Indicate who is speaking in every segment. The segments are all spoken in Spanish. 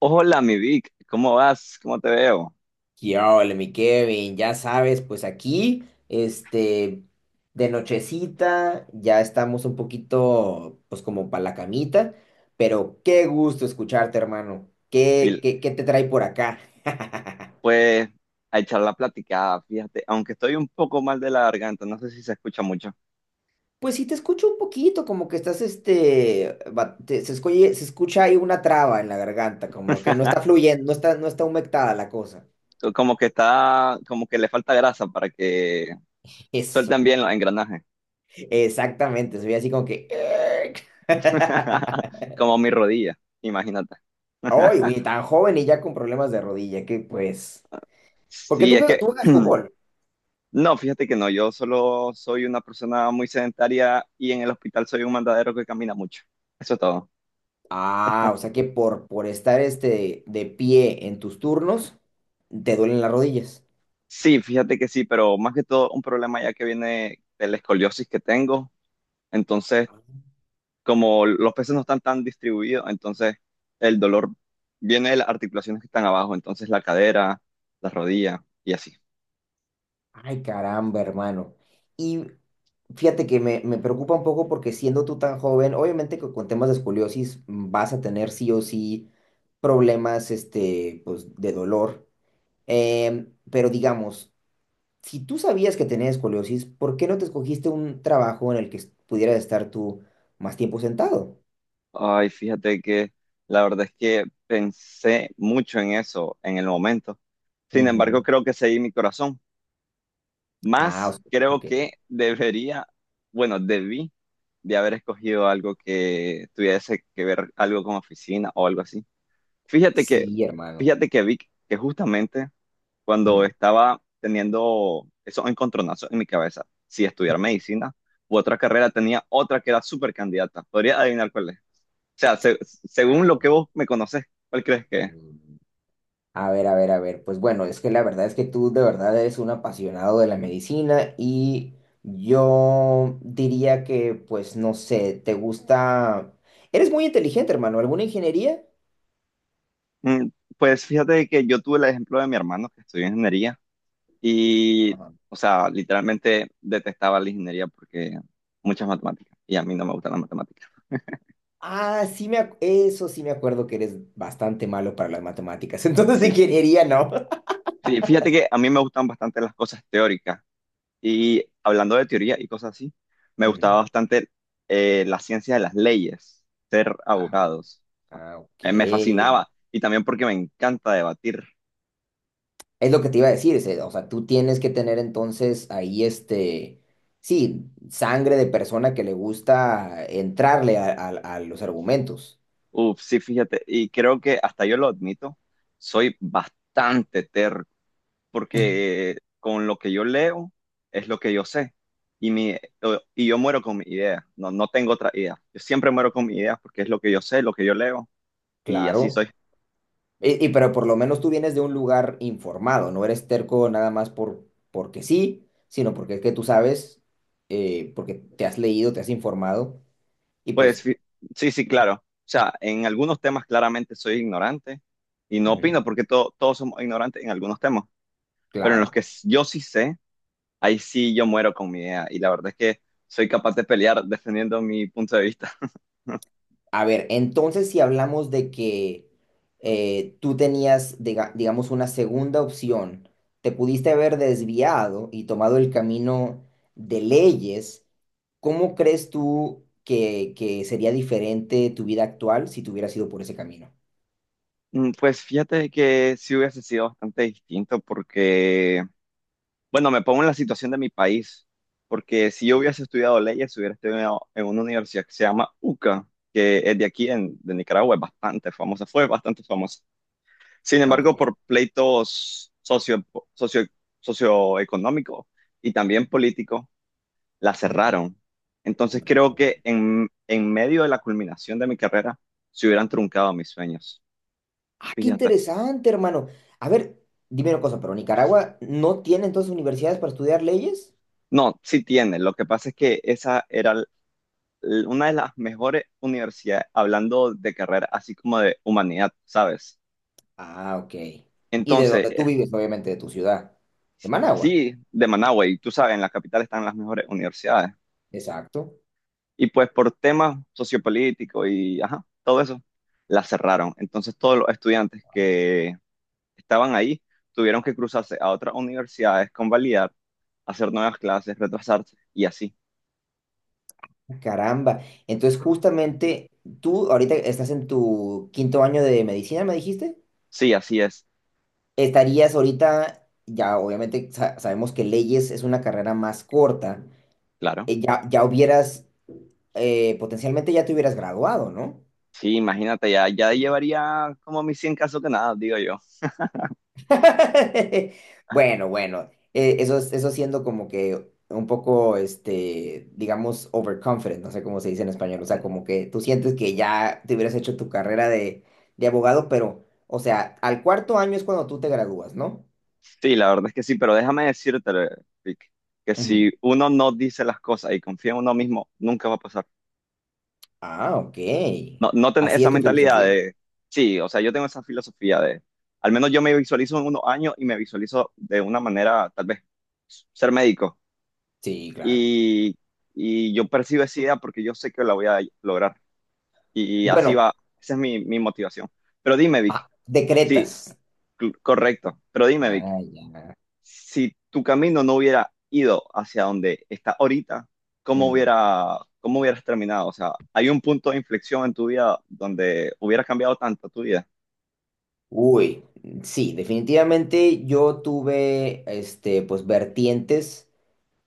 Speaker 1: Hola, mi Vic, ¿cómo vas? ¿Cómo te veo?
Speaker 2: ¿Qué ole, mi Kevin? Ya sabes, pues aquí, de nochecita, ya estamos un poquito, pues como para la camita, pero qué gusto escucharte, hermano. ¿Qué,
Speaker 1: Sí,
Speaker 2: qué, qué te trae por acá?
Speaker 1: pues a echar la platicada, fíjate, aunque estoy un poco mal de la garganta, no sé si se escucha mucho.
Speaker 2: Pues sí, te escucho un poquito, como que estás, se escucha ahí una traba en la garganta, como que no está fluyendo, no está humectada la cosa.
Speaker 1: Como que está, como que le falta grasa para que suelten
Speaker 2: Eso,
Speaker 1: bien los engranajes.
Speaker 2: exactamente, soy así como que...
Speaker 1: Como mi rodilla, imagínate.
Speaker 2: Ay, güey, tan joven y ya con problemas de rodilla, que pues. Porque
Speaker 1: Sí, es que,
Speaker 2: tú juegas fútbol.
Speaker 1: no, fíjate que no, yo solo soy una persona muy sedentaria y en el hospital soy un mandadero que camina mucho. Eso es todo.
Speaker 2: Ah, o sea que por estar este de pie en tus turnos, te duelen las rodillas.
Speaker 1: Sí, fíjate que sí, pero más que todo un problema ya que viene de la escoliosis que tengo. Entonces, como los peces no están tan distribuidos, entonces el dolor viene de las articulaciones que están abajo, entonces la cadera, la rodilla y así.
Speaker 2: Ay, caramba, hermano. Y fíjate que me preocupa un poco porque siendo tú tan joven, obviamente que con temas de escoliosis vas a tener sí o sí problemas este, pues, de dolor. Pero digamos, si tú sabías que tenías escoliosis, ¿por qué no te escogiste un trabajo en el que pudieras estar tú más tiempo sentado?
Speaker 1: Ay, fíjate que la verdad es que pensé mucho en eso en el momento. Sin embargo,
Speaker 2: Ujú.
Speaker 1: creo que seguí mi corazón.
Speaker 2: Ah, o
Speaker 1: Más
Speaker 2: sea,
Speaker 1: creo
Speaker 2: ok.
Speaker 1: que debería, bueno, debí de haber escogido algo que tuviese que ver algo con oficina o algo así. Fíjate que,
Speaker 2: Sí, hermano.
Speaker 1: fíjate que vi que justamente cuando
Speaker 2: Ujú,
Speaker 1: estaba teniendo esos encontronazos en mi cabeza, si estudiar
Speaker 2: ujú.
Speaker 1: medicina u otra carrera, tenía otra que era súper candidata. ¿Podría adivinar cuál es? O sea, según
Speaker 2: A
Speaker 1: lo que
Speaker 2: ver,
Speaker 1: vos me conoces, ¿cuál crees que es?
Speaker 2: mm, a ver. Pues bueno, es que la verdad es que tú de verdad eres un apasionado de la medicina y yo diría que, pues no sé, te gusta... Eres muy inteligente, hermano. ¿Alguna ingeniería?
Speaker 1: Mm, Pues fíjate que yo tuve el ejemplo de mi hermano que estudió ingeniería. Y, o sea, literalmente detestaba la ingeniería porque muchas matemáticas y a mí no me gustan las matemáticas.
Speaker 2: Ah, eso sí me acuerdo que eres bastante malo para las matemáticas. Entonces,
Speaker 1: Sí.
Speaker 2: ingeniería, ¿no?
Speaker 1: Sí, fíjate que a mí me gustan bastante las cosas teóricas y hablando de teoría y cosas así, me gustaba
Speaker 2: Ujú.
Speaker 1: bastante la ciencia de las leyes, ser
Speaker 2: Ah,
Speaker 1: abogados.
Speaker 2: ah,
Speaker 1: Me
Speaker 2: ok.
Speaker 1: fascinaba y también porque me encanta debatir.
Speaker 2: Es lo que te iba a decir, o sea, tú tienes que tener entonces ahí este, sí, sangre de persona que le gusta entrarle a los argumentos,
Speaker 1: Uf, sí, fíjate, y creo que hasta yo lo admito, soy bastante terco porque con lo que yo leo es lo que yo sé y, mi, y yo muero con mi idea, no, no tengo otra idea. Yo siempre muero con mi idea porque es lo que yo sé, lo que yo leo y así
Speaker 2: claro.
Speaker 1: soy.
Speaker 2: Y pero por lo menos tú vienes de un lugar informado, no eres terco nada más porque sí, sino porque es que tú sabes, porque te has leído, te has informado y
Speaker 1: Pues
Speaker 2: pues
Speaker 1: fi- sí, sí, claro. O sea, en algunos temas claramente soy ignorante y no
Speaker 2: ujú,
Speaker 1: opino porque todos somos ignorantes en algunos temas, pero en los que
Speaker 2: claro.
Speaker 1: yo sí sé, ahí sí yo muero con mi idea y la verdad es que soy capaz de pelear defendiendo mi punto de vista.
Speaker 2: A ver, entonces si hablamos de que tú tenías, digamos, una segunda opción, te pudiste haber desviado y tomado el camino de leyes, ¿cómo crees tú que sería diferente tu vida actual si te hubieras ido por ese camino?
Speaker 1: Pues fíjate que sí hubiese sido bastante distinto porque bueno, me pongo en la situación de mi país, porque si yo hubiese estudiado leyes, hubiera estudiado en una universidad que se llama UCA, que es de aquí, en, de Nicaragua, es bastante famosa, fue bastante famosa. Sin
Speaker 2: Ah, ok.
Speaker 1: embargo, por pleitos socio, socioeconómicos y también políticos, la
Speaker 2: Ujú.
Speaker 1: cerraron. Entonces creo
Speaker 2: No.
Speaker 1: que en medio de la culminación de mi carrera, se hubieran truncado mis sueños.
Speaker 2: Ah, qué
Speaker 1: Fíjate.
Speaker 2: interesante, hermano. A ver, dime una cosa, ¿pero Nicaragua no tiene entonces universidades para estudiar leyes?
Speaker 1: No, sí tiene. Lo que pasa es que esa era una de las mejores universidades, hablando de carrera, así como de humanidad, ¿sabes?
Speaker 2: Ah, ok. Y de
Speaker 1: Entonces,
Speaker 2: donde tú vives, obviamente, de tu ciudad, de Managua.
Speaker 1: sí, de Managua, y tú sabes, en la capital están las mejores universidades.
Speaker 2: Exacto.
Speaker 1: Y pues por temas sociopolíticos y, ajá, todo eso, la cerraron. Entonces todos los estudiantes que estaban ahí tuvieron que cruzarse a otras universidades, convalidar, hacer nuevas clases, retrasarse y así.
Speaker 2: Ah, caramba. Entonces, justamente, tú ahorita estás en tu quinto año de medicina, ¿me dijiste?
Speaker 1: Sí, así es,
Speaker 2: Estarías ahorita, ya obviamente sabemos que leyes es una carrera más corta,
Speaker 1: claro.
Speaker 2: eh, ya, ya hubieras, potencialmente ya te hubieras graduado, ¿no?
Speaker 1: Sí, imagínate, ya, ya llevaría como mis 100 casos que nada, digo yo.
Speaker 2: Bueno, eso, eso siendo como que un poco, este, digamos, overconfident, no sé cómo se dice en español, o sea, como que tú sientes que ya te hubieras hecho tu carrera de abogado, pero, o sea, al cuarto año es cuando tú te gradúas, ¿no?
Speaker 1: Sí, la verdad es que sí, pero déjame decirte, Vic, que
Speaker 2: Ujú.
Speaker 1: si uno no dice las cosas y confía en uno mismo, nunca va a pasar.
Speaker 2: Ah, ok.
Speaker 1: No, no tener
Speaker 2: Así
Speaker 1: esa
Speaker 2: es tu
Speaker 1: mentalidad
Speaker 2: filosofía.
Speaker 1: de, sí, o sea, yo tengo esa filosofía de, al menos yo me visualizo en unos años y me visualizo de una manera, tal vez, ser médico.
Speaker 2: Sí, claro.
Speaker 1: Y, y yo percibo esa idea porque yo sé que la voy a lograr. Y así
Speaker 2: Bueno,
Speaker 1: va, esa es mi, mi motivación. Pero dime, Vic,
Speaker 2: ah,
Speaker 1: sí,
Speaker 2: decretas.
Speaker 1: correcto, pero dime, Vic.
Speaker 2: Ah, ya.
Speaker 1: Si tu camino no hubiera ido hacia donde está ahorita, ¿cómo
Speaker 2: Mm.
Speaker 1: hubiera, cómo hubieras terminado? O sea, ¿hay un punto de inflexión en tu vida donde hubiera cambiado tanto tu vida?
Speaker 2: Uy, sí, definitivamente yo tuve, este, pues, vertientes,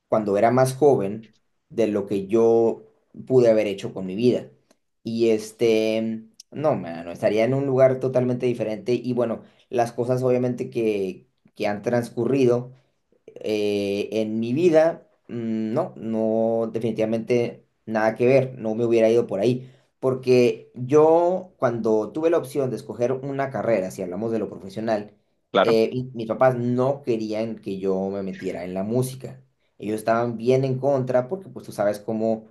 Speaker 2: cuando era más joven de lo que yo pude haber hecho con mi vida. Y este, no, mano, estaría en un lugar totalmente diferente. Y bueno, las cosas obviamente que han transcurrido en mi vida, no, no, definitivamente nada que ver, no me hubiera ido por ahí, porque yo cuando tuve la opción de escoger una carrera, si hablamos de lo profesional,
Speaker 1: Claro.
Speaker 2: mis papás no querían que yo me metiera en la música. Ellos estaban bien en contra porque pues tú sabes cómo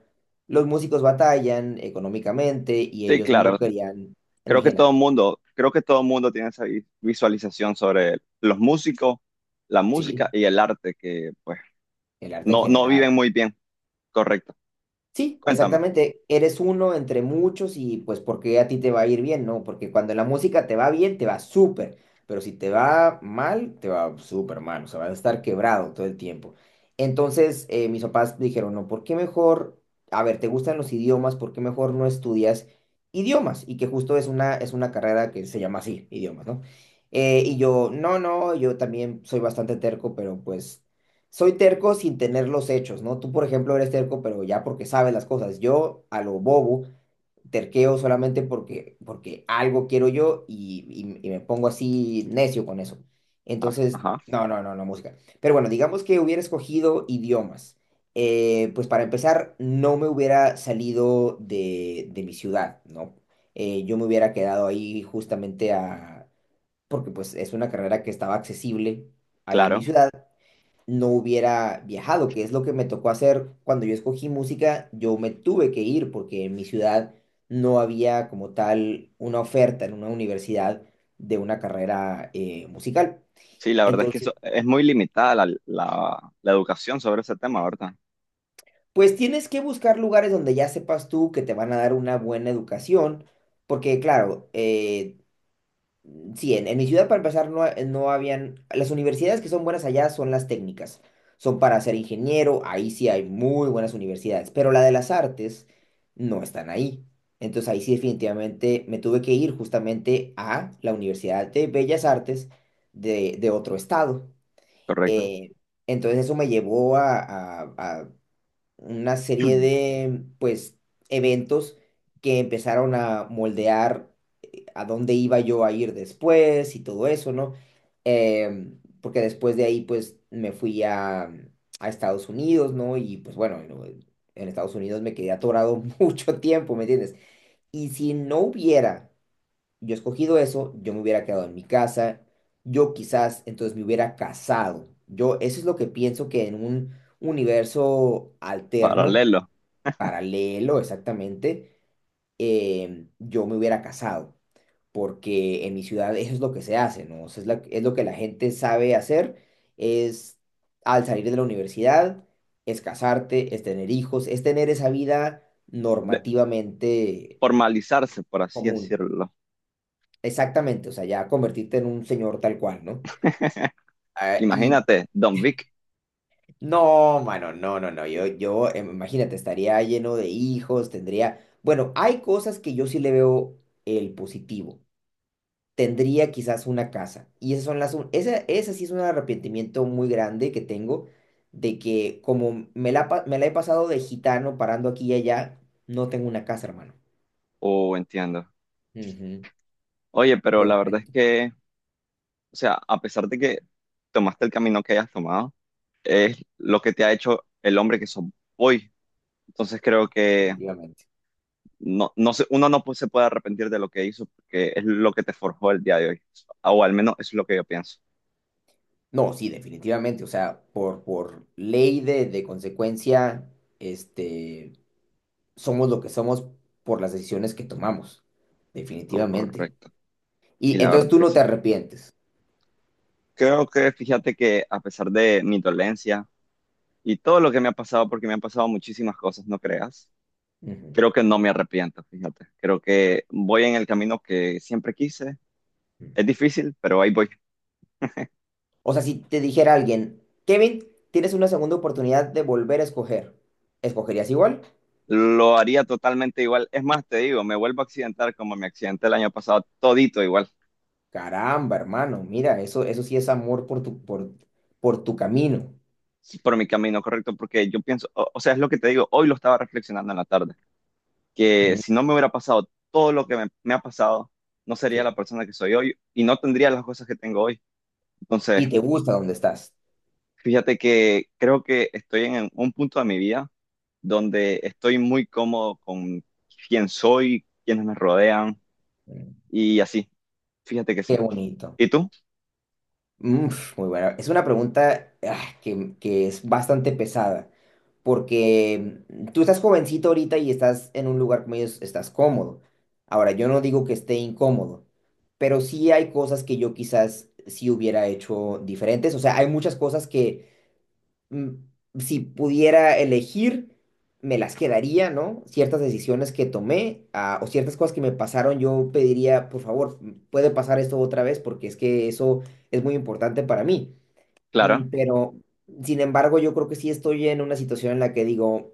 Speaker 2: los músicos batallan económicamente y
Speaker 1: Sí,
Speaker 2: ellos no
Speaker 1: claro.
Speaker 2: querían,
Speaker 1: Creo que
Speaker 2: imagínate,
Speaker 1: todo el mundo, creo que todo el mundo tiene esa visualización sobre los músicos, la música
Speaker 2: sí,
Speaker 1: y el arte que pues
Speaker 2: el arte en
Speaker 1: no, no
Speaker 2: general.
Speaker 1: viven muy bien. Correcto.
Speaker 2: Sí,
Speaker 1: Cuéntame.
Speaker 2: exactamente. Eres uno entre muchos y pues porque a ti te va a ir bien, ¿no? Porque cuando la música te va bien, te va súper, pero si te va mal, te va súper mal, o sea, vas a
Speaker 1: Sí.
Speaker 2: estar quebrado todo el tiempo. Entonces, mis papás dijeron, no, ¿por qué mejor, a ver, te gustan los idiomas, ¿por qué mejor no estudias idiomas? Y que justo es una carrera que se llama así, idiomas, ¿no? Y yo, no, no, yo también soy bastante terco, pero pues soy terco sin tener los hechos, ¿no? Tú, por ejemplo, eres terco, pero ya porque sabes las cosas. Yo, a lo bobo, terqueo solamente porque algo quiero yo y me pongo así necio con eso.
Speaker 1: Ah,
Speaker 2: Entonces,
Speaker 1: ajá,
Speaker 2: no, no, música. Pero bueno, digamos que hubiera escogido idiomas. Pues para empezar, no me hubiera salido de mi ciudad, ¿no? Yo me hubiera quedado ahí justamente a... porque pues es una carrera que estaba accesible ahí en mi
Speaker 1: claro.
Speaker 2: ciudad, no hubiera viajado, que es lo que me tocó hacer cuando yo escogí música, yo me tuve que ir porque en mi ciudad no había como tal una oferta en una universidad de una carrera musical.
Speaker 1: Sí, la verdad es que
Speaker 2: Entonces,
Speaker 1: eso, es muy limitada la educación sobre ese tema, ¿verdad?
Speaker 2: pues tienes que buscar lugares donde ya sepas tú que te van a dar una buena educación, porque claro, sí, en mi ciudad para empezar no, no habían, las universidades que son buenas allá son las técnicas, son para ser ingeniero, ahí sí hay muy buenas universidades, pero la de las artes no están ahí. Entonces ahí sí definitivamente me tuve que ir justamente a la Universidad de Bellas Artes de otro estado.
Speaker 1: Correcto.
Speaker 2: Eh, entonces eso me llevó a una serie de pues eventos que empezaron a moldear a dónde iba yo a ir después y todo eso, ¿no? Em, porque después de ahí, pues, me fui a Estados Unidos, ¿no? Y pues bueno, no, en Estados Unidos me quedé atorado mucho tiempo, ¿me entiendes? Y si no hubiera yo escogido eso, yo me hubiera quedado en mi casa, yo quizás entonces me hubiera casado. Yo, eso es lo que pienso que en un universo alterno,
Speaker 1: Paralelo,
Speaker 2: paralelo exactamente, em, yo me hubiera casado porque en mi ciudad eso es lo que se hace, ¿no? O sea, es, es lo que la gente sabe hacer, es al salir de la universidad, es casarte, es tener hijos, es tener esa vida
Speaker 1: de
Speaker 2: normativamente
Speaker 1: formalizarse, por así
Speaker 2: común.
Speaker 1: decirlo.
Speaker 2: Exactamente, o sea, ya convertirte en un señor tal cual, ¿no? Ah, y
Speaker 1: Imagínate, Don Vic,
Speaker 2: no, mano, no, yo, yo, em, imagínate, estaría lleno de hijos, tendría, bueno, hay cosas que yo sí le veo el positivo. Tendría quizás una casa. Y esas son las, esa, esa sí es un arrepentimiento muy grande que tengo de que como me la, me la he pasado de gitano parando aquí y allá, no tengo una casa, hermano.
Speaker 1: o entiendo.
Speaker 2: Ujú,
Speaker 1: Oye, pero
Speaker 2: yo
Speaker 1: la verdad es
Speaker 2: rento.
Speaker 1: que, o sea, a pesar de que tomaste el camino que hayas tomado, es lo que te ha hecho el hombre que sos hoy. Entonces creo que
Speaker 2: Definitivamente.
Speaker 1: no, uno no pu- se puede arrepentir de lo que hizo, porque es lo que te forjó el día de hoy. O al menos eso es lo que yo pienso.
Speaker 2: No, sí, definitivamente. O sea, por ley de consecuencia, este, somos lo que somos por las decisiones que tomamos. Definitivamente.
Speaker 1: Correcto. Sí,
Speaker 2: Y
Speaker 1: la
Speaker 2: entonces
Speaker 1: verdad es
Speaker 2: tú
Speaker 1: que
Speaker 2: no te
Speaker 1: sí.
Speaker 2: arrepientes.
Speaker 1: Creo que, fíjate que a pesar de mi dolencia, y todo lo que me ha pasado, porque me han pasado muchísimas cosas, no creas, creo que no me arrepiento, fíjate. Creo que voy en el camino que siempre quise.
Speaker 2: Ujú.
Speaker 1: Es difícil, pero ahí voy.
Speaker 2: O sea, si te dijera alguien, Kevin, tienes una segunda oportunidad de volver a escoger, ¿escogerías igual?
Speaker 1: Lo haría totalmente igual. Es más, te digo, me vuelvo a accidentar como me accidenté el año pasado, todito igual,
Speaker 2: Caramba, hermano, mira, eso sí es amor por tu camino.
Speaker 1: por mi camino correcto, porque yo pienso, o sea, es lo que te digo, hoy lo estaba reflexionando en la tarde, que
Speaker 2: Mm,
Speaker 1: si no me hubiera pasado todo lo que me ha pasado, no sería
Speaker 2: sí.
Speaker 1: la persona que soy hoy y no tendría las cosas que tengo hoy. Entonces,
Speaker 2: Y te gusta donde estás.
Speaker 1: fíjate que creo que estoy en un punto de mi vida donde estoy muy cómodo con quién soy, quienes me rodean
Speaker 2: Mm,
Speaker 1: y así. Fíjate que
Speaker 2: qué
Speaker 1: sí.
Speaker 2: bonito.
Speaker 1: ¿Y tú?
Speaker 2: Mm, muy buena. Es una pregunta ah, que es bastante pesada, porque mm, tú estás jovencito ahorita y estás en un lugar como ellos, estás cómodo. Ahora, yo no digo que esté incómodo, pero sí hay cosas que yo quizás sí hubiera hecho diferentes. O sea, hay muchas cosas que mm, si pudiera elegir, me las quedaría, ¿no? Ciertas decisiones que tomé, ah, o ciertas cosas que me pasaron, yo pediría, por favor, mm, puede pasar esto otra vez, porque es que eso es muy importante para mí. Mm,
Speaker 1: Clara.
Speaker 2: pero, sin embargo, yo creo que sí estoy en una situación en la que digo,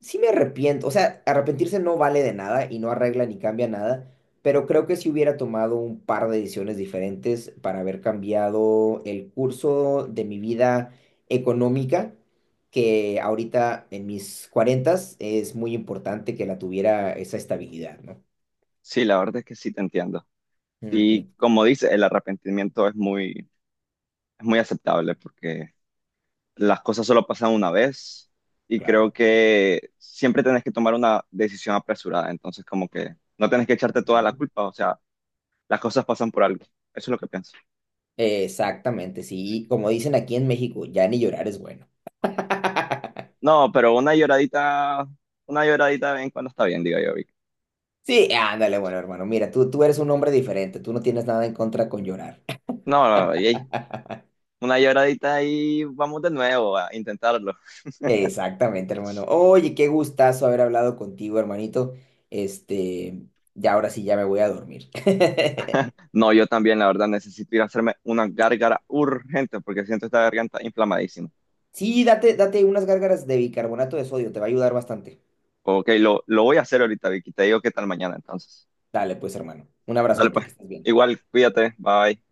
Speaker 2: sí me arrepiento, o sea, arrepentirse no vale de nada y no arregla ni cambia nada, pero creo que si hubiera tomado un par de decisiones diferentes para haber cambiado el curso de mi vida económica, que ahorita en mis cuarentas es muy importante que la tuviera esa estabilidad, ¿no?
Speaker 1: Sí, la verdad es que sí te entiendo. Y
Speaker 2: Ujú,
Speaker 1: como dice, el arrepentimiento es muy aceptable porque las cosas solo pasan una vez y creo
Speaker 2: claro.
Speaker 1: que siempre tenés que tomar una decisión apresurada. Entonces, como que no tenés que echarte toda
Speaker 2: Ujú.
Speaker 1: la culpa. O sea, las cosas pasan por algo. Eso es lo que pienso.
Speaker 2: Exactamente, sí, y como dicen aquí en México, ya ni llorar es bueno.
Speaker 1: No, pero una lloradita de vez en cuando está bien, digo yo, Vic.
Speaker 2: Sí, ándale, bueno, hermano, mira, tú eres un hombre diferente, tú no tienes nada en contra con llorar.
Speaker 1: No, no, no, ey, una lloradita y vamos de nuevo a intentarlo.
Speaker 2: Exactamente, hermano. Oye, qué gustazo haber hablado contigo, hermanito. Este, ya ahora sí, ya me voy a dormir.
Speaker 1: No, yo también, la verdad, necesito ir a hacerme una gárgara urgente porque siento esta garganta inflamadísima.
Speaker 2: Sí, date unas gárgaras de bicarbonato de sodio, te va a ayudar bastante.
Speaker 1: Ok, lo voy a hacer ahorita, Vicky. Te digo qué tal mañana entonces.
Speaker 2: Dale, pues, hermano. Un
Speaker 1: Dale
Speaker 2: abrazote,
Speaker 1: pues.
Speaker 2: que estés bien.
Speaker 1: Igual, cuídate. Bye.